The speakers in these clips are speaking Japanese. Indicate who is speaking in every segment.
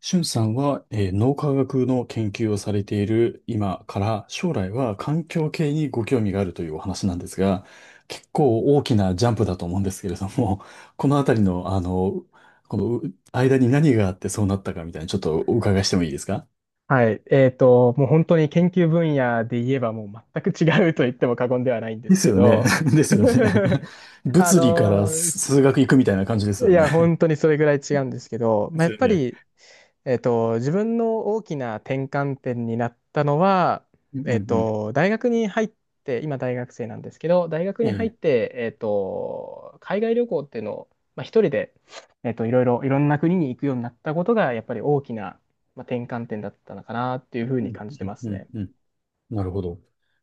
Speaker 1: しゅんさんは、脳科学の研究をされている今から将来は環境系にご興味があるというお話なんですが、結構大きなジャンプだと思うんですけれども、このあたりの、このう間に何があってそうなったかみたいな、ちょっとお伺いしてもいいですか？
Speaker 2: はい。もう本当に研究分野で言えばもう全く違うと言っても過言ではないんで
Speaker 1: で
Speaker 2: す
Speaker 1: す
Speaker 2: け
Speaker 1: よね。
Speaker 2: ど、
Speaker 1: ですよね。
Speaker 2: あ
Speaker 1: 物理から
Speaker 2: の、す
Speaker 1: 数学行くみたいな感じです
Speaker 2: い
Speaker 1: よ
Speaker 2: や、
Speaker 1: ね。
Speaker 2: 本当にそれぐらい違うんですけど、
Speaker 1: で
Speaker 2: まあ、や
Speaker 1: す
Speaker 2: っ
Speaker 1: よ
Speaker 2: ぱ
Speaker 1: ね。
Speaker 2: り自分の大きな転換点になったのは、
Speaker 1: うんうんうん。
Speaker 2: 大学に入って、今大学生なんですけど、大学
Speaker 1: え
Speaker 2: に入っ
Speaker 1: え。
Speaker 2: て、海外旅行っていうのを、まあ、一人で、いろいろ、いろんな国に行くようになったことが、やっぱり大きな、まあ、転換点だったのかなっていうふう
Speaker 1: う
Speaker 2: に
Speaker 1: ん
Speaker 2: 感じて
Speaker 1: うん
Speaker 2: ます
Speaker 1: うん
Speaker 2: ね。
Speaker 1: うん。なるほど。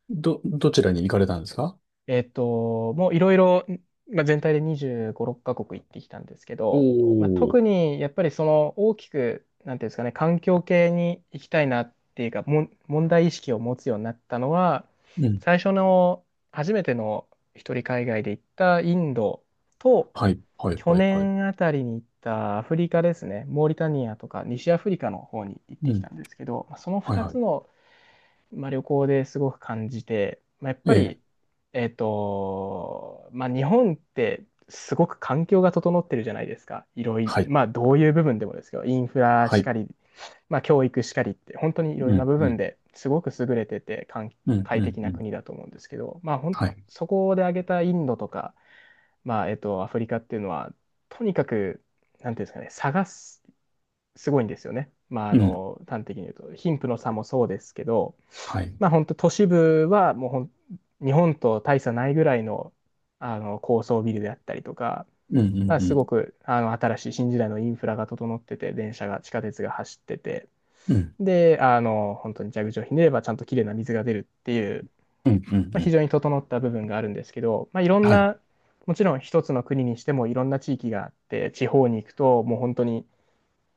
Speaker 1: どちらに行かれたんですか？
Speaker 2: もういろいろ、まあ、全体で25、6カ国行ってきたんですけ
Speaker 1: お
Speaker 2: ど、まあ、特
Speaker 1: おー。
Speaker 2: にやっぱりその大きく、なんていうんですかね、環境系に行きたいなっていうか、問題意識を持つようになったのは、
Speaker 1: うん。
Speaker 2: 最初の初めての一人海外で行ったインドと、
Speaker 1: はい、はい、
Speaker 2: 去
Speaker 1: はい、はい。
Speaker 2: 年あたりに行ったアフリカですね、モーリタニアとか西アフリカの方に行って
Speaker 1: う
Speaker 2: きた
Speaker 1: ん、
Speaker 2: んですけど、まあその
Speaker 1: はい、
Speaker 2: 2
Speaker 1: はい。
Speaker 2: つのまあ、旅行ですごく感じて、まあ、やっ
Speaker 1: え
Speaker 2: ぱ
Speaker 1: え、
Speaker 2: り、まあ、日本ってすごく環境が整ってるじゃないですか。いろいろ、
Speaker 1: はい、
Speaker 2: まあ、どういう部分でもですけど、インフラ
Speaker 1: は
Speaker 2: し
Speaker 1: い。
Speaker 2: かり、まあ、教育しかりって、本当にい
Speaker 1: う
Speaker 2: ろいろな
Speaker 1: ん、
Speaker 2: 部
Speaker 1: う
Speaker 2: 分
Speaker 1: ん、
Speaker 2: ですごく優れてて、
Speaker 1: うん、
Speaker 2: 快
Speaker 1: うん、
Speaker 2: 適
Speaker 1: う
Speaker 2: な
Speaker 1: ん。
Speaker 2: 国だと思うんですけど、
Speaker 1: はい。
Speaker 2: そこで挙げたインドとか、まあ、アフリカっていうのは、とにかく、なんていうんですかね、すごいんですよね。まあ、あ
Speaker 1: うん、
Speaker 2: の、端的に言うと、貧富の差もそうですけど、
Speaker 1: はい。
Speaker 2: まあ、本当都市部はもう日本と大差ないぐらいの、あの高層ビルであったりとか、
Speaker 1: うん、うん、
Speaker 2: まあ、
Speaker 1: う
Speaker 2: すご
Speaker 1: ん、
Speaker 2: くあの新しい新時代のインフラが整ってて、電車が、地下鉄が走ってて、
Speaker 1: うん、
Speaker 2: で、あの、本当に蛇口をひねればちゃんときれいな水が出るっていう、
Speaker 1: うん、うん、う
Speaker 2: まあ、非
Speaker 1: ん。
Speaker 2: 常に整った部分があるんですけど、まあ、いろん
Speaker 1: はい。
Speaker 2: な、もちろん一つの国にしてもいろんな地域があって、地方に行くともう本当に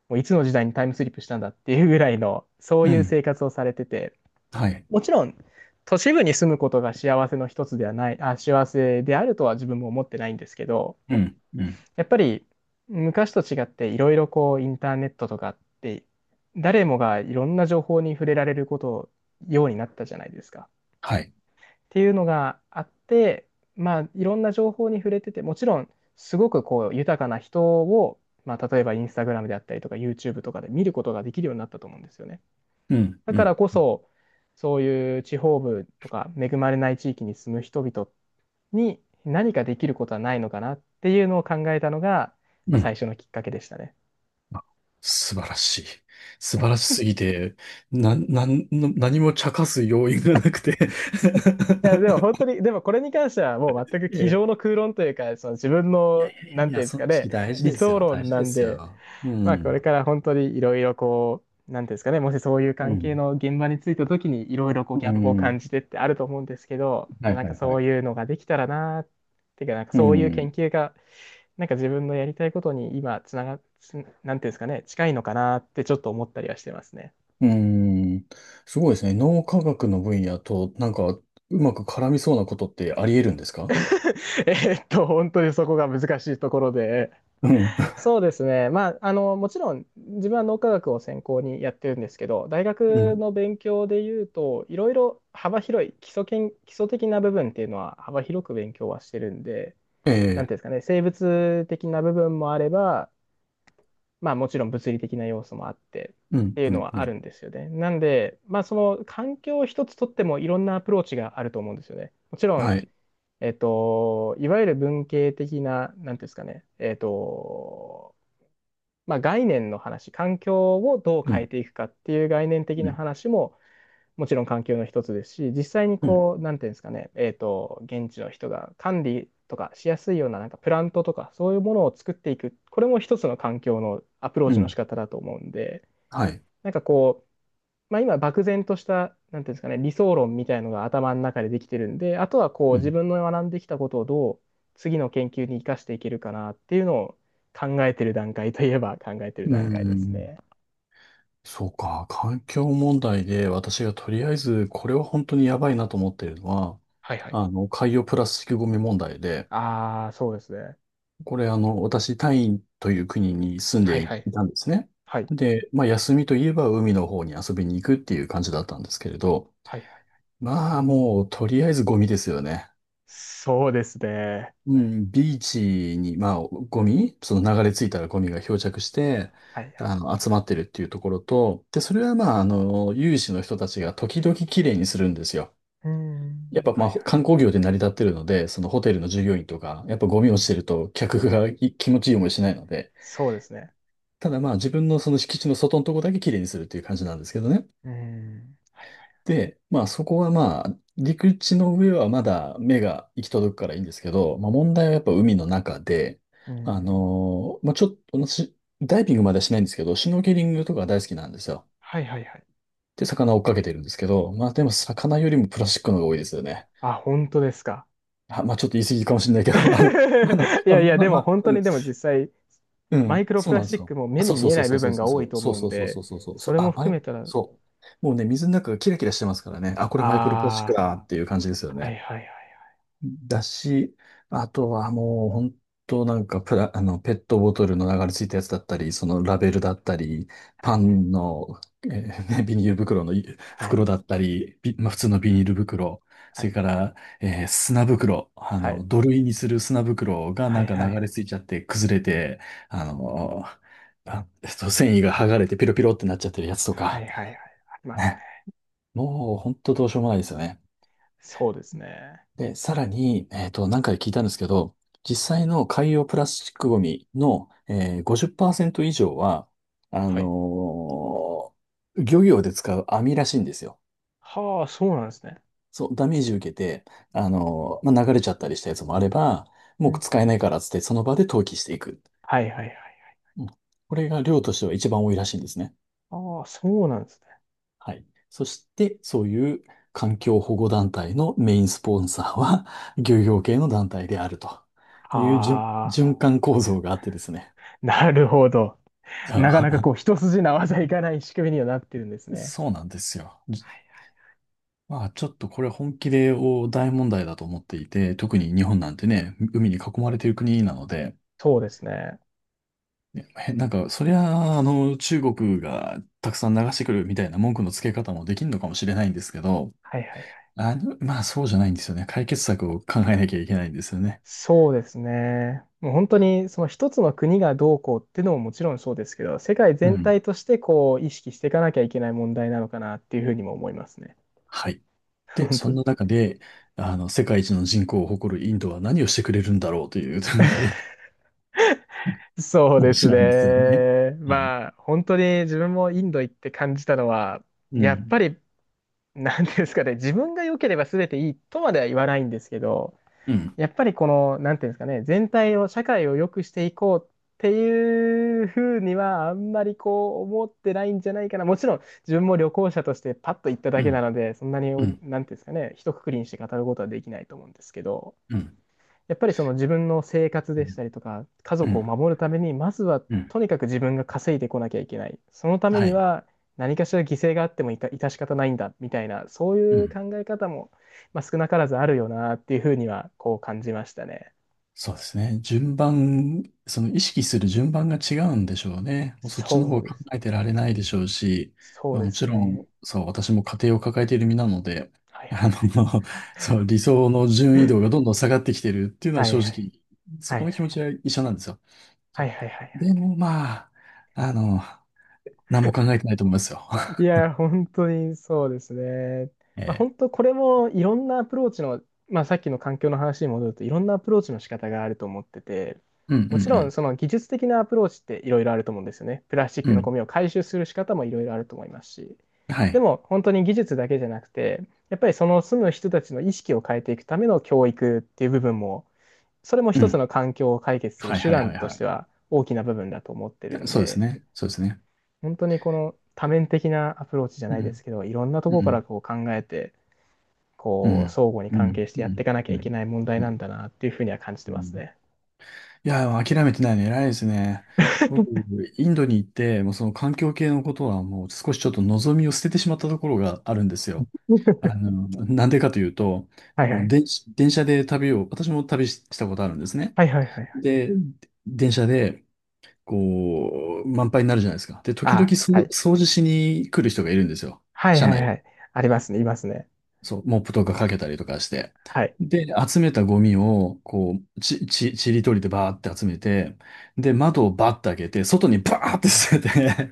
Speaker 2: もういつの時代にタイムスリップしたんだっていうぐらいの、そう
Speaker 1: う
Speaker 2: いう
Speaker 1: ん、
Speaker 2: 生活をされてて、
Speaker 1: はい。
Speaker 2: もちろん、都市部に住むことが幸せの一つではない、あ、幸せであるとは自分も思ってないんですけど、
Speaker 1: うん、うん、
Speaker 2: やっぱり昔と違っていろいろこうインターネットとかって、誰もがいろんな情報に触れられることようになったじゃないですか。
Speaker 1: はい。
Speaker 2: っていうのがあって、まあ、いろんな情報に触れてて、もちろん、すごくこう、豊かな人を、まあ、例えばインスタグラムであったりとか、YouTube とかで見ることができるようになったと思うんですよね。
Speaker 1: うん、
Speaker 2: だ
Speaker 1: う
Speaker 2: から
Speaker 1: ん、
Speaker 2: こそ、そういう地方部とか、恵まれない地域に住む人々に何かできることはないのかなっていうのを考えたのが、ま
Speaker 1: う
Speaker 2: あ、最
Speaker 1: ん。
Speaker 2: 初のきっかけでしたね。
Speaker 1: 素晴らしい。素晴らしすぎて、な、なん、何も茶化す要因がなくて。
Speaker 2: いや、でも本当に、でもこれに関してはもう全く
Speaker 1: え
Speaker 2: 机上
Speaker 1: え、
Speaker 2: の空論というか、その自分
Speaker 1: いやい
Speaker 2: の、
Speaker 1: やいや
Speaker 2: な
Speaker 1: い
Speaker 2: んてい
Speaker 1: や、
Speaker 2: うんです
Speaker 1: その
Speaker 2: か
Speaker 1: 意
Speaker 2: ね、
Speaker 1: 識大事
Speaker 2: 理
Speaker 1: です
Speaker 2: 想
Speaker 1: よ。大
Speaker 2: 論
Speaker 1: 事
Speaker 2: な
Speaker 1: で
Speaker 2: ん
Speaker 1: す
Speaker 2: で、
Speaker 1: よ。う
Speaker 2: まあ、こ
Speaker 1: ん。
Speaker 2: れから本当にいろいろこう、なんていうんですかね、もしそういう
Speaker 1: う
Speaker 2: 関係
Speaker 1: ん。
Speaker 2: の現場についた時にいろいろこう
Speaker 1: う
Speaker 2: ギャップを感
Speaker 1: ん。
Speaker 2: じてってあると思うんですけど、ま
Speaker 1: は
Speaker 2: あ、
Speaker 1: い
Speaker 2: なん
Speaker 1: は
Speaker 2: か
Speaker 1: いは
Speaker 2: そう
Speaker 1: い。
Speaker 2: いうのができたらなーっていうか、なんか
Speaker 1: う
Speaker 2: そういう研
Speaker 1: ん。
Speaker 2: 究が、なんか自分のやりたいことに今つなが、つなんていうんですかね、近いのかなーってちょっと思ったりはしてますね。
Speaker 1: うーん。すごいですね。脳科学の分野と、なんか、うまく絡みそうなことってあり得るんですか？
Speaker 2: えーっと、本当にそこが難しいところで、
Speaker 1: うん。
Speaker 2: そうですね。まあ、あの、もちろん自分は脳科学を専攻にやってるんですけど、大
Speaker 1: う
Speaker 2: 学
Speaker 1: ん。
Speaker 2: の勉強で言うと、いろいろ幅広い基礎的な部分っていうのは幅広く勉強はしてるんで、
Speaker 1: え
Speaker 2: なん
Speaker 1: え。
Speaker 2: ていうんですかね、生物的な部分もあれば、まあもちろん物理的な要素もあって
Speaker 1: う
Speaker 2: っ
Speaker 1: ん。
Speaker 2: ていう
Speaker 1: う
Speaker 2: の
Speaker 1: ん。
Speaker 2: は
Speaker 1: う
Speaker 2: ある
Speaker 1: ん。
Speaker 2: んですよね。なんで、まあその環境一つとってもいろんなアプローチがあると思うんですよね。もちろん、
Speaker 1: はい。
Speaker 2: いわゆる文系的な、なんていうんですかね、まあ、概念の話、環境をどう
Speaker 1: う
Speaker 2: 変え
Speaker 1: ん。
Speaker 2: ていくかっていう概念的
Speaker 1: う
Speaker 2: な
Speaker 1: ん。
Speaker 2: 話ももちろん環境の一つですし、実際に
Speaker 1: うん。
Speaker 2: こう、なんていうんですかね、現地の人が管理とかしやすいようななんかプラントとかそういうものを作っていく、これも一つの環境のアプロー
Speaker 1: う
Speaker 2: チの仕
Speaker 1: ん。
Speaker 2: 方だと思うんで、
Speaker 1: はい。
Speaker 2: なんかこう、まあ、今、漠然とした、なんていうんですかね、理想論みたいのが頭の中でできてるんで、あとはこう、
Speaker 1: う
Speaker 2: 自
Speaker 1: ん。
Speaker 2: 分の学んできたことをどう次の研究に生かしていけるかなっていうのを考えてる段階といえば考えてる
Speaker 1: うー
Speaker 2: 段階です
Speaker 1: ん。
Speaker 2: ね。
Speaker 1: そうか。環境問題で私がとりあえず、これは本当にやばいなと思ってるのは、
Speaker 2: はいはい。
Speaker 1: 海洋プラスチックゴミ問題で、
Speaker 2: ああ、そうですね。
Speaker 1: これ、私、タイという国に住ん
Speaker 2: はい
Speaker 1: でい
Speaker 2: はい。
Speaker 1: たんですね。
Speaker 2: はい。
Speaker 1: で、まあ、休みといえば海の方に遊びに行くっていう感じだったんですけれど、
Speaker 2: はいはい。
Speaker 1: まあ、もう、とりあえずゴミですよね。
Speaker 2: そうですね。
Speaker 1: うん、ビーチに、まあ、ゴミ、その流れ着いたらゴミが漂着して、
Speaker 2: はいはい。
Speaker 1: 集まってるっていうところと、で、それはまあ、有志の人たちが時々きれいにするんですよ。
Speaker 2: うー
Speaker 1: やっ
Speaker 2: ん。
Speaker 1: ぱ
Speaker 2: は
Speaker 1: まあ、
Speaker 2: い。はい。
Speaker 1: 観光業で成り立ってるので、そのホテルの従業員とか、やっぱゴミ落ちてると客がい気持ちいい思いしないので、
Speaker 2: そうですね。
Speaker 1: ただまあ自分のその敷地の外のとこだけ綺麗にするっていう感じなんですけどね。
Speaker 2: うーん。はいはい。
Speaker 1: で、まあそこはまあ陸地の上はまだ目が行き届くからいいんですけど、まあ問題はやっぱ海の中で、
Speaker 2: うーん。
Speaker 1: まあちょっと私、ダイビングまではしないんですけど、シュノーケリングとか大好きなんですよ。
Speaker 2: はいはいはい。
Speaker 1: で、魚を追っかけてるんですけど、まあでも魚よりもプラスチックの方が多いですよね。
Speaker 2: あ、本当ですか。
Speaker 1: あ、まあちょっと言い過ぎかもしれないけど、
Speaker 2: いやいや、
Speaker 1: まあ、まあ、
Speaker 2: で
Speaker 1: ま
Speaker 2: も
Speaker 1: あ、
Speaker 2: 本当
Speaker 1: うん。
Speaker 2: にでも実際、
Speaker 1: う
Speaker 2: マ
Speaker 1: ん、
Speaker 2: イクロ
Speaker 1: そ
Speaker 2: プ
Speaker 1: う
Speaker 2: ラ
Speaker 1: なん
Speaker 2: ス
Speaker 1: で
Speaker 2: チ
Speaker 1: す
Speaker 2: ッ
Speaker 1: よ。
Speaker 2: クも目
Speaker 1: あ、そ
Speaker 2: に
Speaker 1: うそ
Speaker 2: 見
Speaker 1: う
Speaker 2: え
Speaker 1: そ
Speaker 2: な
Speaker 1: う
Speaker 2: い
Speaker 1: そ
Speaker 2: 部
Speaker 1: うそう
Speaker 2: 分
Speaker 1: そ
Speaker 2: が多い
Speaker 1: う
Speaker 2: と
Speaker 1: そう
Speaker 2: 思うん
Speaker 1: そうそうそ
Speaker 2: で、
Speaker 1: うそうそうそ
Speaker 2: そ
Speaker 1: う、
Speaker 2: れも
Speaker 1: あ、
Speaker 2: 含めたら、
Speaker 1: そう。もうね、水の中がキラキラしてますからね。あ、こ
Speaker 2: あ
Speaker 1: れマイクロプラスチックだっていう感じですよ
Speaker 2: あ、は
Speaker 1: ね。
Speaker 2: いはいはい
Speaker 1: だし、あとはもう本当なんかプラ、あの、ペットボトルの流れついたやつだったり、そのラベルだったり、
Speaker 2: は
Speaker 1: パ
Speaker 2: い、
Speaker 1: ンの、ね。 ビニール袋の
Speaker 2: はい、
Speaker 1: 袋だったり、まあ、普通のビニール袋、
Speaker 2: は
Speaker 1: それ
Speaker 2: い、
Speaker 1: から、砂袋、
Speaker 2: はい、
Speaker 1: 土塁にする砂袋が
Speaker 2: は
Speaker 1: な
Speaker 2: い、
Speaker 1: ん
Speaker 2: は
Speaker 1: か
Speaker 2: い、は
Speaker 1: 流れ
Speaker 2: い、
Speaker 1: ついちゃって崩れて、あのあ、繊維が剥がれてピロピロってなっちゃってるやつと
Speaker 2: は
Speaker 1: か、
Speaker 2: い、はい、はい、ありますね。
Speaker 1: ね、もう本当どうしようもないですよね。
Speaker 2: そうですね。
Speaker 1: で、さらに、何回か聞いたんですけど、実際の海洋プラスチックゴミの、50%以上は、あ
Speaker 2: は
Speaker 1: の
Speaker 2: い。
Speaker 1: ー漁業で使う網らしいんですよ。
Speaker 2: はあ、そうなんですね。
Speaker 1: そう、ダメージ受けて、まあ、流れちゃったりしたやつもあれば、
Speaker 2: う
Speaker 1: もう
Speaker 2: ん。
Speaker 1: 使えないからっつって、その場で投棄していく。
Speaker 2: はいはいはい。
Speaker 1: うん。これが量としては一番多いらしいんですね。
Speaker 2: ああ、そうなんですね。
Speaker 1: はい。そして、そういう環境保護団体のメインスポンサーは、漁業系の団体であるという
Speaker 2: ああ、
Speaker 1: 循環構造があってですね。
Speaker 2: なるほど。なかなかこう、一筋縄じゃいかない仕組みにはなってるんです
Speaker 1: そう。
Speaker 2: ね。
Speaker 1: そうなんですよ。まあちょっとこれ本気で大問題だと思っていて、特に日本なんてね、海に囲まれている国なので、
Speaker 2: そうですね。
Speaker 1: ねへなんかそりゃ中国がたくさん流してくるみたいな文句のつけ方もできるのかもしれないんですけど、
Speaker 2: はいはい。
Speaker 1: まあそうじゃないんですよね。解決策を考えなきゃいけないんですよね。
Speaker 2: そうですね。もう本当にその一つの国がどうこうっていうのももちろんそうですけど、世界
Speaker 1: う
Speaker 2: 全
Speaker 1: ん。
Speaker 2: 体としてこう意識していかなきゃいけない問題なのかなっていうふうにも思いますね。
Speaker 1: はい。で、
Speaker 2: 本
Speaker 1: そ
Speaker 2: 当
Speaker 1: ん
Speaker 2: に。
Speaker 1: な中で、世界一の人口を誇るインドは何をしてくれるんだろうという、
Speaker 2: そうで
Speaker 1: 話
Speaker 2: す
Speaker 1: なんですよね。
Speaker 2: ね。
Speaker 1: はい。
Speaker 2: まあ本当に自分もインド行って感じたのは、
Speaker 1: う
Speaker 2: やっ
Speaker 1: ん。
Speaker 2: ぱりなんていうんですかね、自分が良ければ全ていいとまでは言わないんですけど、
Speaker 1: うん。
Speaker 2: やっぱりこの、なんていうんですかね、全体を、社会を良くしていこうっていうふうには、あんまりこう思ってないんじゃないかな。もちろん、自分も旅行者としてパッと行っただ
Speaker 1: う
Speaker 2: けな
Speaker 1: ん。
Speaker 2: ので、そんなに、
Speaker 1: うん。
Speaker 2: なんていうんですかね、一括りにして語ることはできないと思うんですけど。
Speaker 1: うん。
Speaker 2: やっぱりその自分の生活
Speaker 1: う
Speaker 2: でした
Speaker 1: ん。
Speaker 2: りとか、家
Speaker 1: う
Speaker 2: 族を
Speaker 1: ん。
Speaker 2: 守るために、まずは
Speaker 1: うん。
Speaker 2: とにかく自分が稼いでこなきゃいけない。そのため
Speaker 1: は
Speaker 2: に
Speaker 1: い。
Speaker 2: は何かしら犠牲があってもいた、致し方ないんだ、みたいな、そう
Speaker 1: う
Speaker 2: いう
Speaker 1: ん。
Speaker 2: 考え方も、まあ、少なからずあるよな、っていうふうには、こう感じましたね。
Speaker 1: そうですね。順番、その意識する順番が違うんでしょうね。もうそっちの
Speaker 2: そう
Speaker 1: 方
Speaker 2: で
Speaker 1: 考
Speaker 2: す。
Speaker 1: えてられないでしょうし、
Speaker 2: そ
Speaker 1: ま
Speaker 2: う
Speaker 1: あ、
Speaker 2: で
Speaker 1: も
Speaker 2: す
Speaker 1: ちろ
Speaker 2: ね。
Speaker 1: ん、そう、私も家庭を抱えている身なので、
Speaker 2: はい
Speaker 1: あの、そう、理想の
Speaker 2: は
Speaker 1: 順位度がどんどん下がってきてるっていう
Speaker 2: い
Speaker 1: のは
Speaker 2: はいは
Speaker 1: 正直、そ
Speaker 2: いは
Speaker 1: こ
Speaker 2: い
Speaker 1: の気持ちは一緒なんですよ。そ
Speaker 2: はい
Speaker 1: う。
Speaker 2: はいはいはいはい、
Speaker 1: でもまあ、あの、何も考えてないと思いますよ。
Speaker 2: いや、本当にそうですね。まあ、
Speaker 1: えー、
Speaker 2: 本当これもいろんなアプローチの、まあ、さっきの環境の話に戻るといろんなアプローチの仕方があると思ってて、
Speaker 1: うんう
Speaker 2: もちろん
Speaker 1: ん
Speaker 2: その技術的なアプローチっていろいろあると思うんですよね。プラスチッ
Speaker 1: う
Speaker 2: ク
Speaker 1: ん。う
Speaker 2: のゴ
Speaker 1: ん。
Speaker 2: ミを回収する仕方もいろいろあると思いますし。
Speaker 1: は
Speaker 2: で
Speaker 1: い。
Speaker 2: も本当に技術だけじゃなくて、やっぱりその住む人たちの意識を変えていくための教育っていう部分も、それも
Speaker 1: う
Speaker 2: 一つ
Speaker 1: ん。
Speaker 2: の環境を解決する
Speaker 1: はい
Speaker 2: 手
Speaker 1: はい
Speaker 2: 段
Speaker 1: はい
Speaker 2: とし
Speaker 1: は
Speaker 2: ては大きな部分だと思ってる
Speaker 1: い。
Speaker 2: ん
Speaker 1: そうです
Speaker 2: で。
Speaker 1: ね。そうですね。
Speaker 2: 本当にこの多面的なアプローチじゃ
Speaker 1: う
Speaker 2: ないです
Speaker 1: ん。
Speaker 2: けど、いろんなと
Speaker 1: う
Speaker 2: ころから
Speaker 1: ん
Speaker 2: こう考えて、
Speaker 1: う
Speaker 2: こう、
Speaker 1: ん。
Speaker 2: 相互に
Speaker 1: う
Speaker 2: 関
Speaker 1: ん。
Speaker 2: 係して
Speaker 1: う
Speaker 2: やってい
Speaker 1: ん。
Speaker 2: かなきゃ
Speaker 1: う
Speaker 2: いけ
Speaker 1: ん。
Speaker 2: ない問題
Speaker 1: う
Speaker 2: なん
Speaker 1: ん
Speaker 2: だなっていうふうには感じて
Speaker 1: う
Speaker 2: ます
Speaker 1: ん。
Speaker 2: ね。
Speaker 1: いや、でも諦めてないの偉いですね。僕、インドに行って、もうその環境系のことはもう少しちょっと望みを捨ててしまったところがあるんですよ。なんでかというと、
Speaker 2: はい
Speaker 1: あ
Speaker 2: は
Speaker 1: の
Speaker 2: い。
Speaker 1: 電、電車で旅を、私も旅したことあるんですね。
Speaker 2: はいはいはいはい。
Speaker 1: で、電車で、こう、満杯になるじゃないですか。で、時々、
Speaker 2: あ、はい。
Speaker 1: 掃除しに来る人がいるんですよ。
Speaker 2: はい
Speaker 1: 車
Speaker 2: はい
Speaker 1: 内を。
Speaker 2: はい。ありますね、いますね。
Speaker 1: そう、モップとかかけたりとかして。
Speaker 2: はい。
Speaker 1: で、集めたゴミを、こう、ちりとりでバーって集めて、で、窓をバッて開けて、外にバーって捨てて、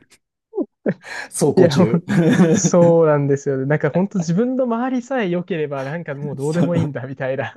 Speaker 1: 走
Speaker 2: い
Speaker 1: 行
Speaker 2: や、もう
Speaker 1: 中。
Speaker 2: そうなんですよね。なんか本当自分の周りさえ良ければ、なんかもう どうで
Speaker 1: そ
Speaker 2: もいいん
Speaker 1: う。
Speaker 2: だみたいな。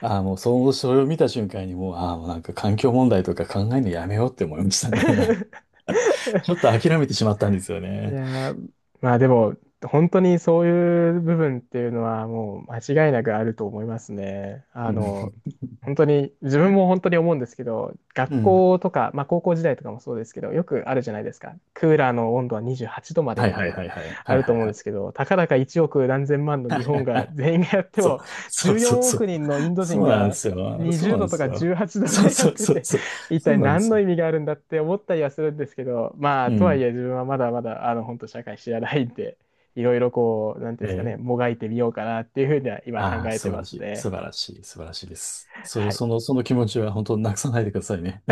Speaker 1: ああ、もう、その、それを見た瞬間にもう、ああ、もうなんか環境問題とか考えるのやめようって思いましたね。ちょっと諦めてしまったんですよ
Speaker 2: い
Speaker 1: ね。
Speaker 2: やー、まあでも、本当にそういう部分っていうのはもう間違いなくあると思いますね。あ
Speaker 1: う
Speaker 2: の、
Speaker 1: ん。
Speaker 2: 本当に、自分も本当に思うんですけど、
Speaker 1: う
Speaker 2: 学
Speaker 1: ん。
Speaker 2: 校とか、まあ高校時代とかもそうですけど、よくあるじゃないですか。クーラーの温度は28度まで
Speaker 1: はい
Speaker 2: みた
Speaker 1: は
Speaker 2: い
Speaker 1: いは
Speaker 2: な、
Speaker 1: いはい。
Speaker 2: あ
Speaker 1: はい
Speaker 2: ると
Speaker 1: はい
Speaker 2: 思うん
Speaker 1: は
Speaker 2: で
Speaker 1: い。
Speaker 2: すけど、たかだか1億何千万の日本が
Speaker 1: あ。
Speaker 2: 全員がやって
Speaker 1: そう、
Speaker 2: も、
Speaker 1: そう
Speaker 2: 14
Speaker 1: そうそ
Speaker 2: 億
Speaker 1: う。
Speaker 2: 人のインド
Speaker 1: そ
Speaker 2: 人
Speaker 1: うなんで
Speaker 2: が
Speaker 1: すよ。そう
Speaker 2: 20
Speaker 1: なん
Speaker 2: 度
Speaker 1: で
Speaker 2: と
Speaker 1: す
Speaker 2: か
Speaker 1: よ。
Speaker 2: 18度
Speaker 1: そう
Speaker 2: でやっ
Speaker 1: そう
Speaker 2: て
Speaker 1: そう
Speaker 2: て、
Speaker 1: そう。
Speaker 2: 一
Speaker 1: そ
Speaker 2: 体
Speaker 1: うなんで
Speaker 2: 何
Speaker 1: す
Speaker 2: の
Speaker 1: よ。
Speaker 2: 意味があるんだって思ったりはするんですけど、まあ、
Speaker 1: う
Speaker 2: とはい
Speaker 1: ん。
Speaker 2: え自分はまだまだ、あの、本当社会知らないんで、いろいろこう、なんていうんで
Speaker 1: え
Speaker 2: すかね、
Speaker 1: え。
Speaker 2: もがいてみようかなっていうふうには今考
Speaker 1: ああ、
Speaker 2: えて
Speaker 1: 素晴
Speaker 2: ま
Speaker 1: らし
Speaker 2: す
Speaker 1: い。
Speaker 2: ね。
Speaker 1: 素晴らしい。素晴らしいです。それ、
Speaker 2: はい。
Speaker 1: その、その気持ちは本当なくさないでくださいね。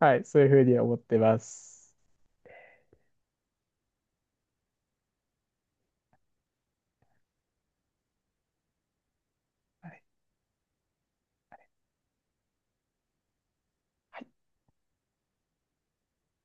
Speaker 2: はい、そういうふうに思ってます。